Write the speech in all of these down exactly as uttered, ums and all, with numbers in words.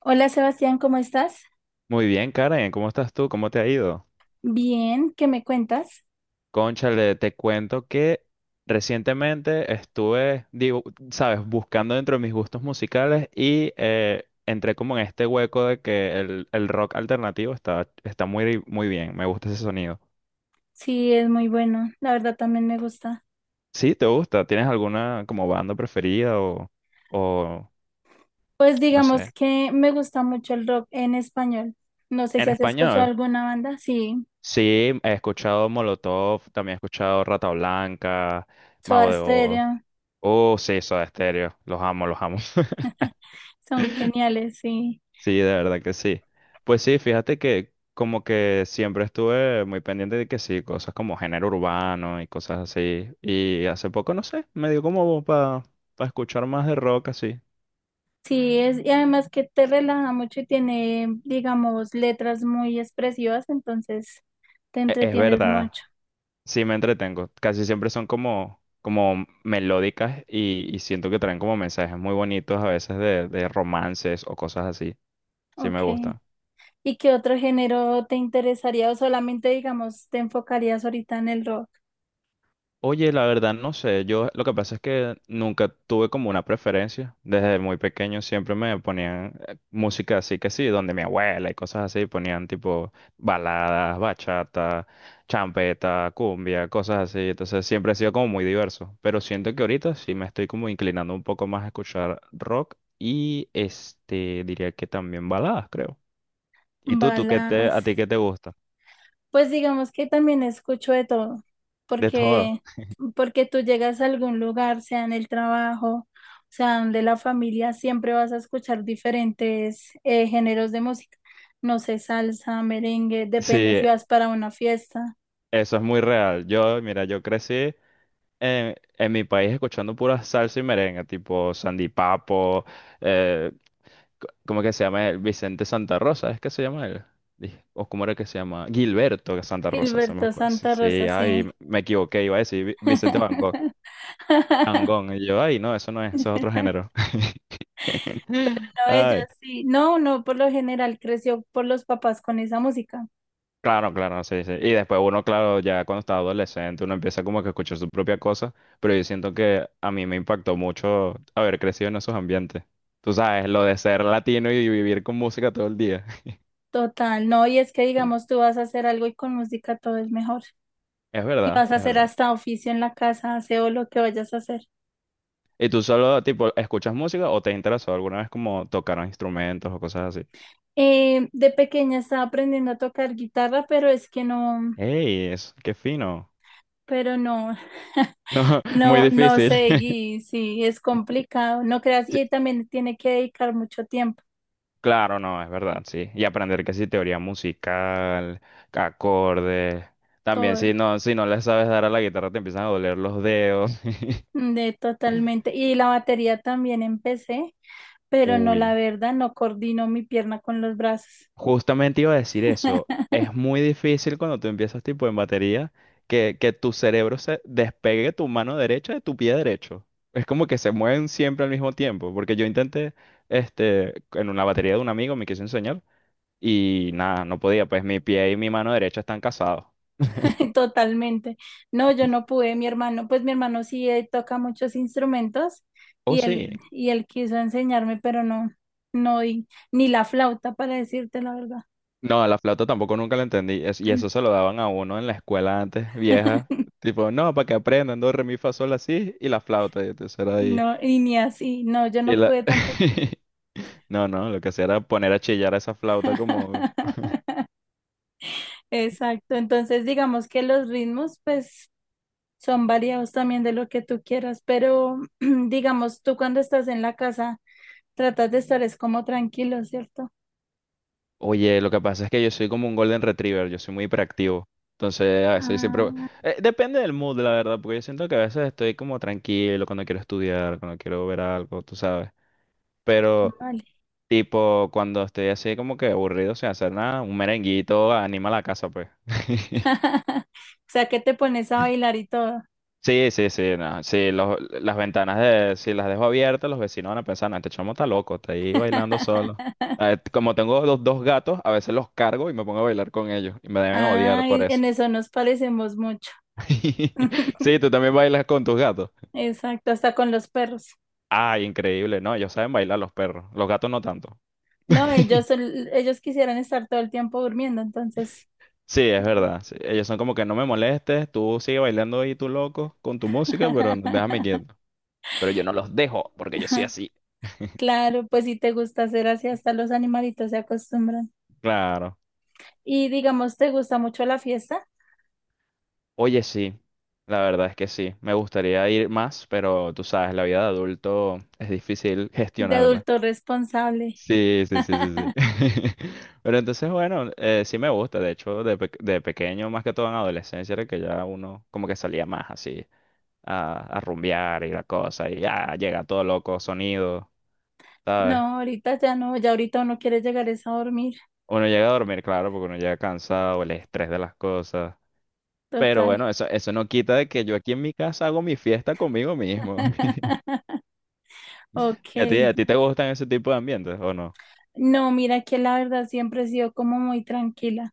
Hola Sebastián, ¿cómo estás? Muy bien, Karen, ¿cómo estás tú? ¿Cómo te ha ido? Bien, ¿qué me cuentas? Cónchale, te cuento que recientemente estuve, digo, sabes, buscando dentro de mis gustos musicales y eh, entré como en este hueco de que el, el rock alternativo está, está muy, muy bien, me gusta ese sonido. Sí, es muy bueno, la verdad también me gusta. Sí, ¿te gusta? ¿Tienes alguna como banda preferida o, o Pues no digamos sé? que me gusta mucho el rock en español. No sé En si has escuchado español, alguna banda, sí, sí, he escuchado Molotov, también he escuchado Rata Blanca, Mago Soda de Oz. Stereo, Oh, sí, Soda Stereo. Los amo, los amo. son geniales, sí. Sí, de verdad que sí. Pues sí, fíjate que como que siempre estuve muy pendiente de que sí, cosas como género urbano y cosas así. Y hace poco, no sé, me dio como para escuchar más de rock así. Sí, es, y además que te relaja mucho y tiene, digamos, letras muy expresivas, entonces te E- Es entretienes verdad, mucho. sí me entretengo. Casi siempre son como, como melódicas y, y siento que traen como mensajes muy bonitos a veces de, de romances o cosas así. Sí me Ok. gustan. ¿Y qué otro género te interesaría o solamente, digamos, te enfocarías ahorita en el rock? Oye, la verdad no sé, yo lo que pasa es que nunca tuve como una preferencia. Desde muy pequeño siempre me ponían eh, música así que sí, donde mi abuela y cosas así ponían tipo baladas, bachata, champeta, cumbia, cosas así. Entonces siempre he sido como muy diverso, pero siento que ahorita sí me estoy como inclinando un poco más a escuchar rock y este diría que también baladas, creo. ¿Y tú, tú qué te, Balas. a ti qué te gusta? Pues digamos que también escucho de todo, De todo. porque, porque tú llegas a algún lugar, sea en el trabajo, sea de la familia, siempre vas a escuchar diferentes eh, géneros de música. No sé, salsa, merengue, depende Sí, si vas para una fiesta. eso es muy real. Yo, mira, yo crecí En, en mi país escuchando pura salsa y merengue, tipo Sandy Papo, eh, co- ¿cómo que se llama él? Vicente Santa Rosa, ¿es que se llama él? Dije, ¿o cómo era que se llama? Gilberto Santa Rosa, se me Gilberto ocurre. Sí, Santa sí, Rosa, ay, sí. me me equivoqué, iba a decir Vi- Vicente Van Gogh, Van Gogh, y yo, ay, no, eso no es, eso es otro género. No, ellos Ay, sí. No, no, por lo general creció por los papás con esa música. claro, claro, sí, sí. Y después uno, claro, ya cuando está adolescente, uno empieza como que a escuchar su propia cosa, pero yo siento que a mí me impactó mucho haber crecido en esos ambientes. Tú sabes, lo de ser latino y vivir con música todo el día. Total, no, y es que digamos, tú vas a hacer algo y con música todo es mejor. Es Si verdad, vas a es hacer verdad. hasta oficio en la casa, aseo lo que vayas a hacer. ¿Y tú solo, tipo, escuchas música o te interesó alguna vez como tocar instrumentos o cosas así? Eh, de pequeña estaba aprendiendo a tocar guitarra, pero es que no, ¡Ey! Es, ¡qué fino! pero no, No, muy no, no difícil. seguí, sí, es complicado, no creas, y también tiene que dedicar mucho tiempo, Claro, no, es verdad, sí. Y aprender que sí, teoría musical, acordes. También, todo, si no, si no le sabes dar a la guitarra, te empiezan a doler los dedos. de totalmente. Y la batería también empecé, pero no, la Uy, verdad, no coordino mi pierna con los brazos. justamente iba a decir eso. Es muy difícil cuando tú empiezas tipo en batería que, que tu cerebro se despegue tu mano derecha de tu pie derecho. Es como que se mueven siempre al mismo tiempo. Porque yo intenté, este, en una batería de un amigo me quiso enseñar y nada, no podía. Pues mi pie y mi mano derecha están casados. Totalmente. No, yo no pude, mi hermano, pues mi hermano sí eh, toca muchos instrumentos Oh, y él, sí. y él quiso enseñarme, pero no, no, y- ni la flauta, para decirte la verdad. No, la flauta tampoco nunca la entendí. Es- y eso se lo daban a uno en la escuela antes, vieja. Tipo, no, para que aprendan, do, re, mi, fa, sol, así. Y la flauta, y entonces era ahí. No, y ni así, no, yo Y no la... pude tampoco. No, no, lo que hacía era poner a chillar a esa flauta como... Exacto, entonces digamos que los ritmos pues son variados también de lo que tú quieras, pero digamos tú cuando estás en la casa tratas de estar es como tranquilo, ¿cierto? Oye, lo que pasa es que yo soy como un golden retriever, yo soy muy hiperactivo. Entonces, a veces siempre... Ah, eh, depende del mood, la verdad, porque yo siento que a veces estoy como tranquilo cuando quiero estudiar, cuando quiero ver algo, tú sabes. Pero... vale. Tipo, cuando estoy así como que aburrido sin hacer nada, un merenguito anima la casa, pues. O sea, que te pones a bailar y todo. Sí, sí, sí, no. Sí, los- las ventanas de, si las dejo abiertas, los vecinos van a pensar, no, este chamo está loco, está ahí bailando solo. A ver, como tengo los dos gatos, a veces los cargo y me pongo a bailar con ellos. Y me deben odiar por Ay, eso. en eso nos parecemos mucho. Sí, tú también bailas con tus gatos. Exacto, hasta con los perros. Ay, increíble. No, ellos saben bailar los perros. Los gatos no tanto. No, ellos, son- ellos quisieran estar todo el tiempo durmiendo, entonces. Sí, es No. verdad. Sí, ellos son como que no me molestes, tú sigue bailando ahí tú loco con tu música, pero déjame quieto. Pero yo no los dejo porque yo soy así. Claro, pues si te gusta hacer así, hasta los animalitos se acostumbran. Claro. Y digamos, ¿te gusta mucho la fiesta Oye, sí, la verdad es que sí. Me gustaría ir más, pero tú sabes, la vida de adulto es difícil de gestionarla. adulto responsable? Sí, sí, sí, sí, sí. Pero entonces, bueno, eh, sí me gusta. De hecho, de, pe- de pequeño, más que todo en adolescencia, era que ya uno como que salía más así a, a rumbear y la cosa, y ya llega todo loco, sonido, ¿sabes? No, ahorita ya no, ya ahorita uno quiere llegar es a dormir, Uno llega a dormir, claro, porque uno llega cansado, el estrés de las cosas. Pero total. bueno, eso, eso no quita de que yo aquí en mi casa hago mi fiesta conmigo mismo. Ok. ¿Y a ti, a ti te Entonces, gustan ese tipo de ambientes o no? no, mira que la verdad siempre he sido como muy tranquila.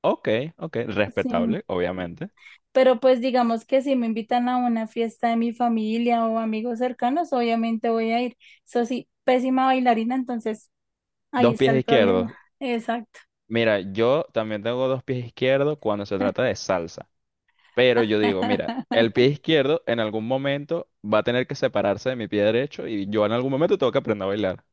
Ok, ok, Sí. respetable, obviamente. Pero pues digamos que si me invitan a una fiesta de mi familia o amigos cercanos, obviamente voy a ir. Eso sí, pésima bailarina, entonces ahí Dos está pies el izquierdos. problema. Exacto. Mira, yo también tengo dos pies izquierdos cuando se trata de salsa. Pero yo digo, mira, el pie izquierdo en algún momento va a tener que separarse de mi pie derecho y yo en algún momento tengo que aprender a bailar.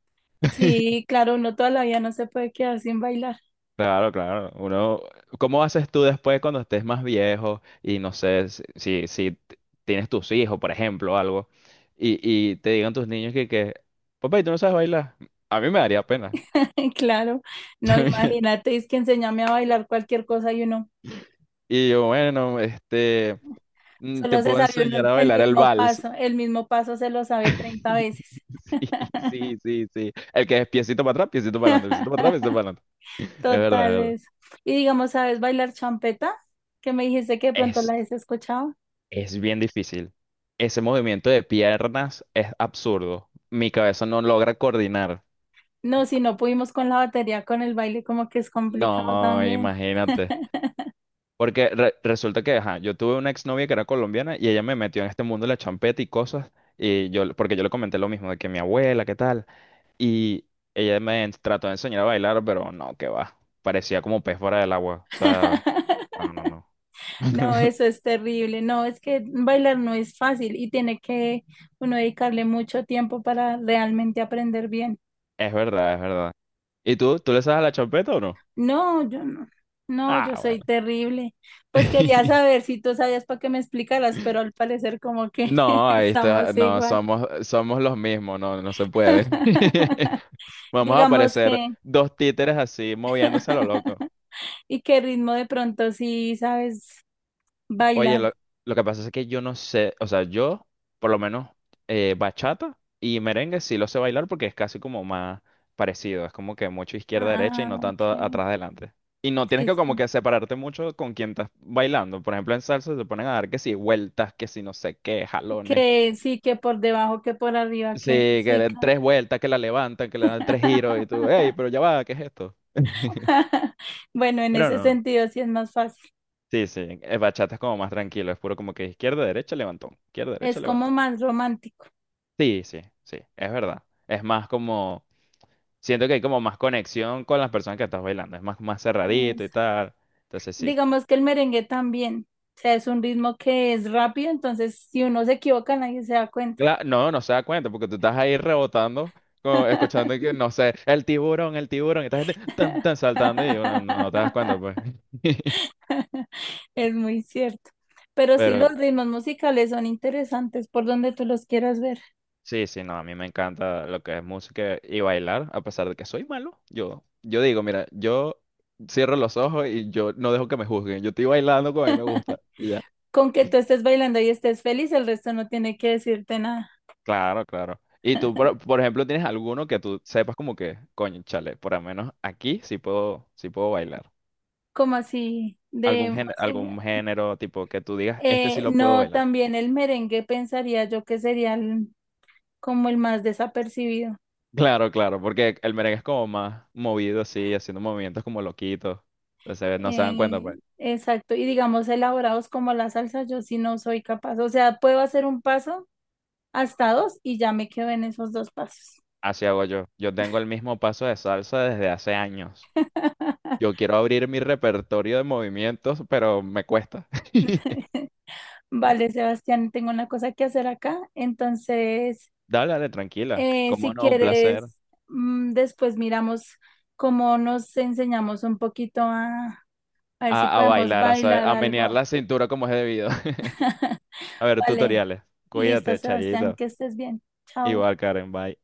Sí, claro, uno toda la vida no se puede quedar sin bailar. Claro, claro. Uno, ¿cómo haces tú después cuando estés más viejo y no sé si, si, si t- tienes tus hijos, por ejemplo, o algo, y, y te digan tus niños que, que, papá, ¿y tú no sabes bailar? A mí me daría pena. Claro, no, imagínate, es que enséñame a bailar cualquier cosa y uno. Y yo, bueno, este, mm, te Solo se puedo sabe uno enseñar el a el bailar el mismo vals. paso, el mismo paso se lo sabe treinta veces. Sí, sí, sí, sí. El que es piecito para atrás, piecito para adelante, piecito para atrás, piecito para adelante. Es verdad, Total es verdad. eso. Y digamos, ¿sabes bailar champeta? Que me dijiste que de pronto la has escuchado. Es bien difícil. Ese movimiento de piernas es absurdo. Mi cabeza no logra coordinar. No, si no pudimos con la batería, con el baile, como que es complicado No, también. imagínate. Porque re- resulta que, ajá, yo tuve una exnovia que era colombiana y ella me metió en este mundo de la champeta y cosas. Y yo, porque yo le comenté lo mismo, de que mi abuela, ¿qué tal? Y ella me en- trató de enseñar a bailar, pero no, que va. Parecía como pez fuera del agua. O sea, no, no, no. No, eso es terrible. No, es que bailar no es fácil y tiene que uno dedicarle mucho tiempo para realmente aprender bien. Es verdad, es verdad. ¿Y tú? ¿Tú le sabes a la champeta o no? No, yo no. No, Ah, yo soy bueno. terrible. Pues quería saber si tú sabías para que me explicaras, pero al parecer como que No, ahí está, estamos no, igual. somos, somos los mismos, no, no se puede. Vamos a Digamos aparecer que, dos títeres así moviéndose a lo loco. ¿y qué ritmo de pronto sí sabes Oye, bailar? lo, lo que pasa es que yo no sé, o sea, yo por lo menos eh, bachata y merengue sí lo sé bailar porque es casi como más parecido, es como que mucho izquierda-derecha y Ah, no tanto ok. atrás-adelante. Y no tienes Sí, que como sí. que separarte mucho con quien estás bailando. Por ejemplo, en salsa se ponen a dar que si vueltas, que si no sé qué, jalones. Que sí, que por debajo, que por arriba, Sí, que que sí, den claro. tres vueltas, que la levantan, que le dan tres giros y tú, hey, pero ya va, ¿qué es esto? Bueno, en Pero ese no. sentido sí es más fácil. Sí, sí, el bachata es como más tranquilo, es puro como que izquierda, derecha, levantón, izquierda, derecha, Es como levantón. más romántico. Sí, sí, sí, es verdad. Es más como, siento que hay como más conexión con las personas que estás bailando, es más, más cerradito y Eso. tal. Entonces sí. Digamos que el merengue también, o sea, es un ritmo que es rápido, entonces si uno se equivoca nadie se da cuenta. Cla- no, no se da cuenta porque tú estás ahí rebotando, como escuchando que, no sé, el tiburón, el tiburón, y esta gente tan, tan saltando y uno no, no te das cuenta, pues. Es muy cierto. Pero sí, Pero los ritmos musicales son interesantes por donde tú los quieras ver. sí, sí, no, a mí me encanta lo que es música y bailar, a pesar de que soy malo. Yo, yo digo, mira, yo cierro los ojos y yo no dejo que me juzguen. Yo estoy bailando como a mí me gusta y ya. Con que tú estés bailando y estés feliz, el resto no tiene que decirte nada. Claro, claro. Y tú, por, por ejemplo, tienes alguno que tú sepas como que, coño, chale, por lo menos aquí sí puedo, sí puedo bailar. ¿Como así de Algún género, música? algún género tipo que tú digas, este sí Eh, lo puedo No, bailar. también el merengue pensaría yo que sería el- como el más desapercibido. Claro, claro, porque el merengue es como más movido, así, haciendo movimientos como loquitos. Entonces no se dan cuenta, Eh, pues. exacto, y digamos elaborados como la salsa, yo sí no soy capaz, o sea, puedo hacer un paso hasta dos y ya me quedo en esos dos pasos. Así hago yo. Yo tengo el mismo paso de salsa desde hace años. Yo quiero abrir mi repertorio de movimientos, pero me cuesta. Vale, Sebastián, tengo una cosa que hacer acá, entonces, Dale, dale, tranquila. eh, si Cómo no, un placer. quieres, mm, después miramos cómo nos enseñamos un poquito a, a ver si A, a podemos bailar, a saber, bailar a algo. menear la cintura como es debido. A ver, Vale, tutoriales. listo, Cuídate, Sebastián, Chayito. que estés bien. Chao. Igual, Karen, bye.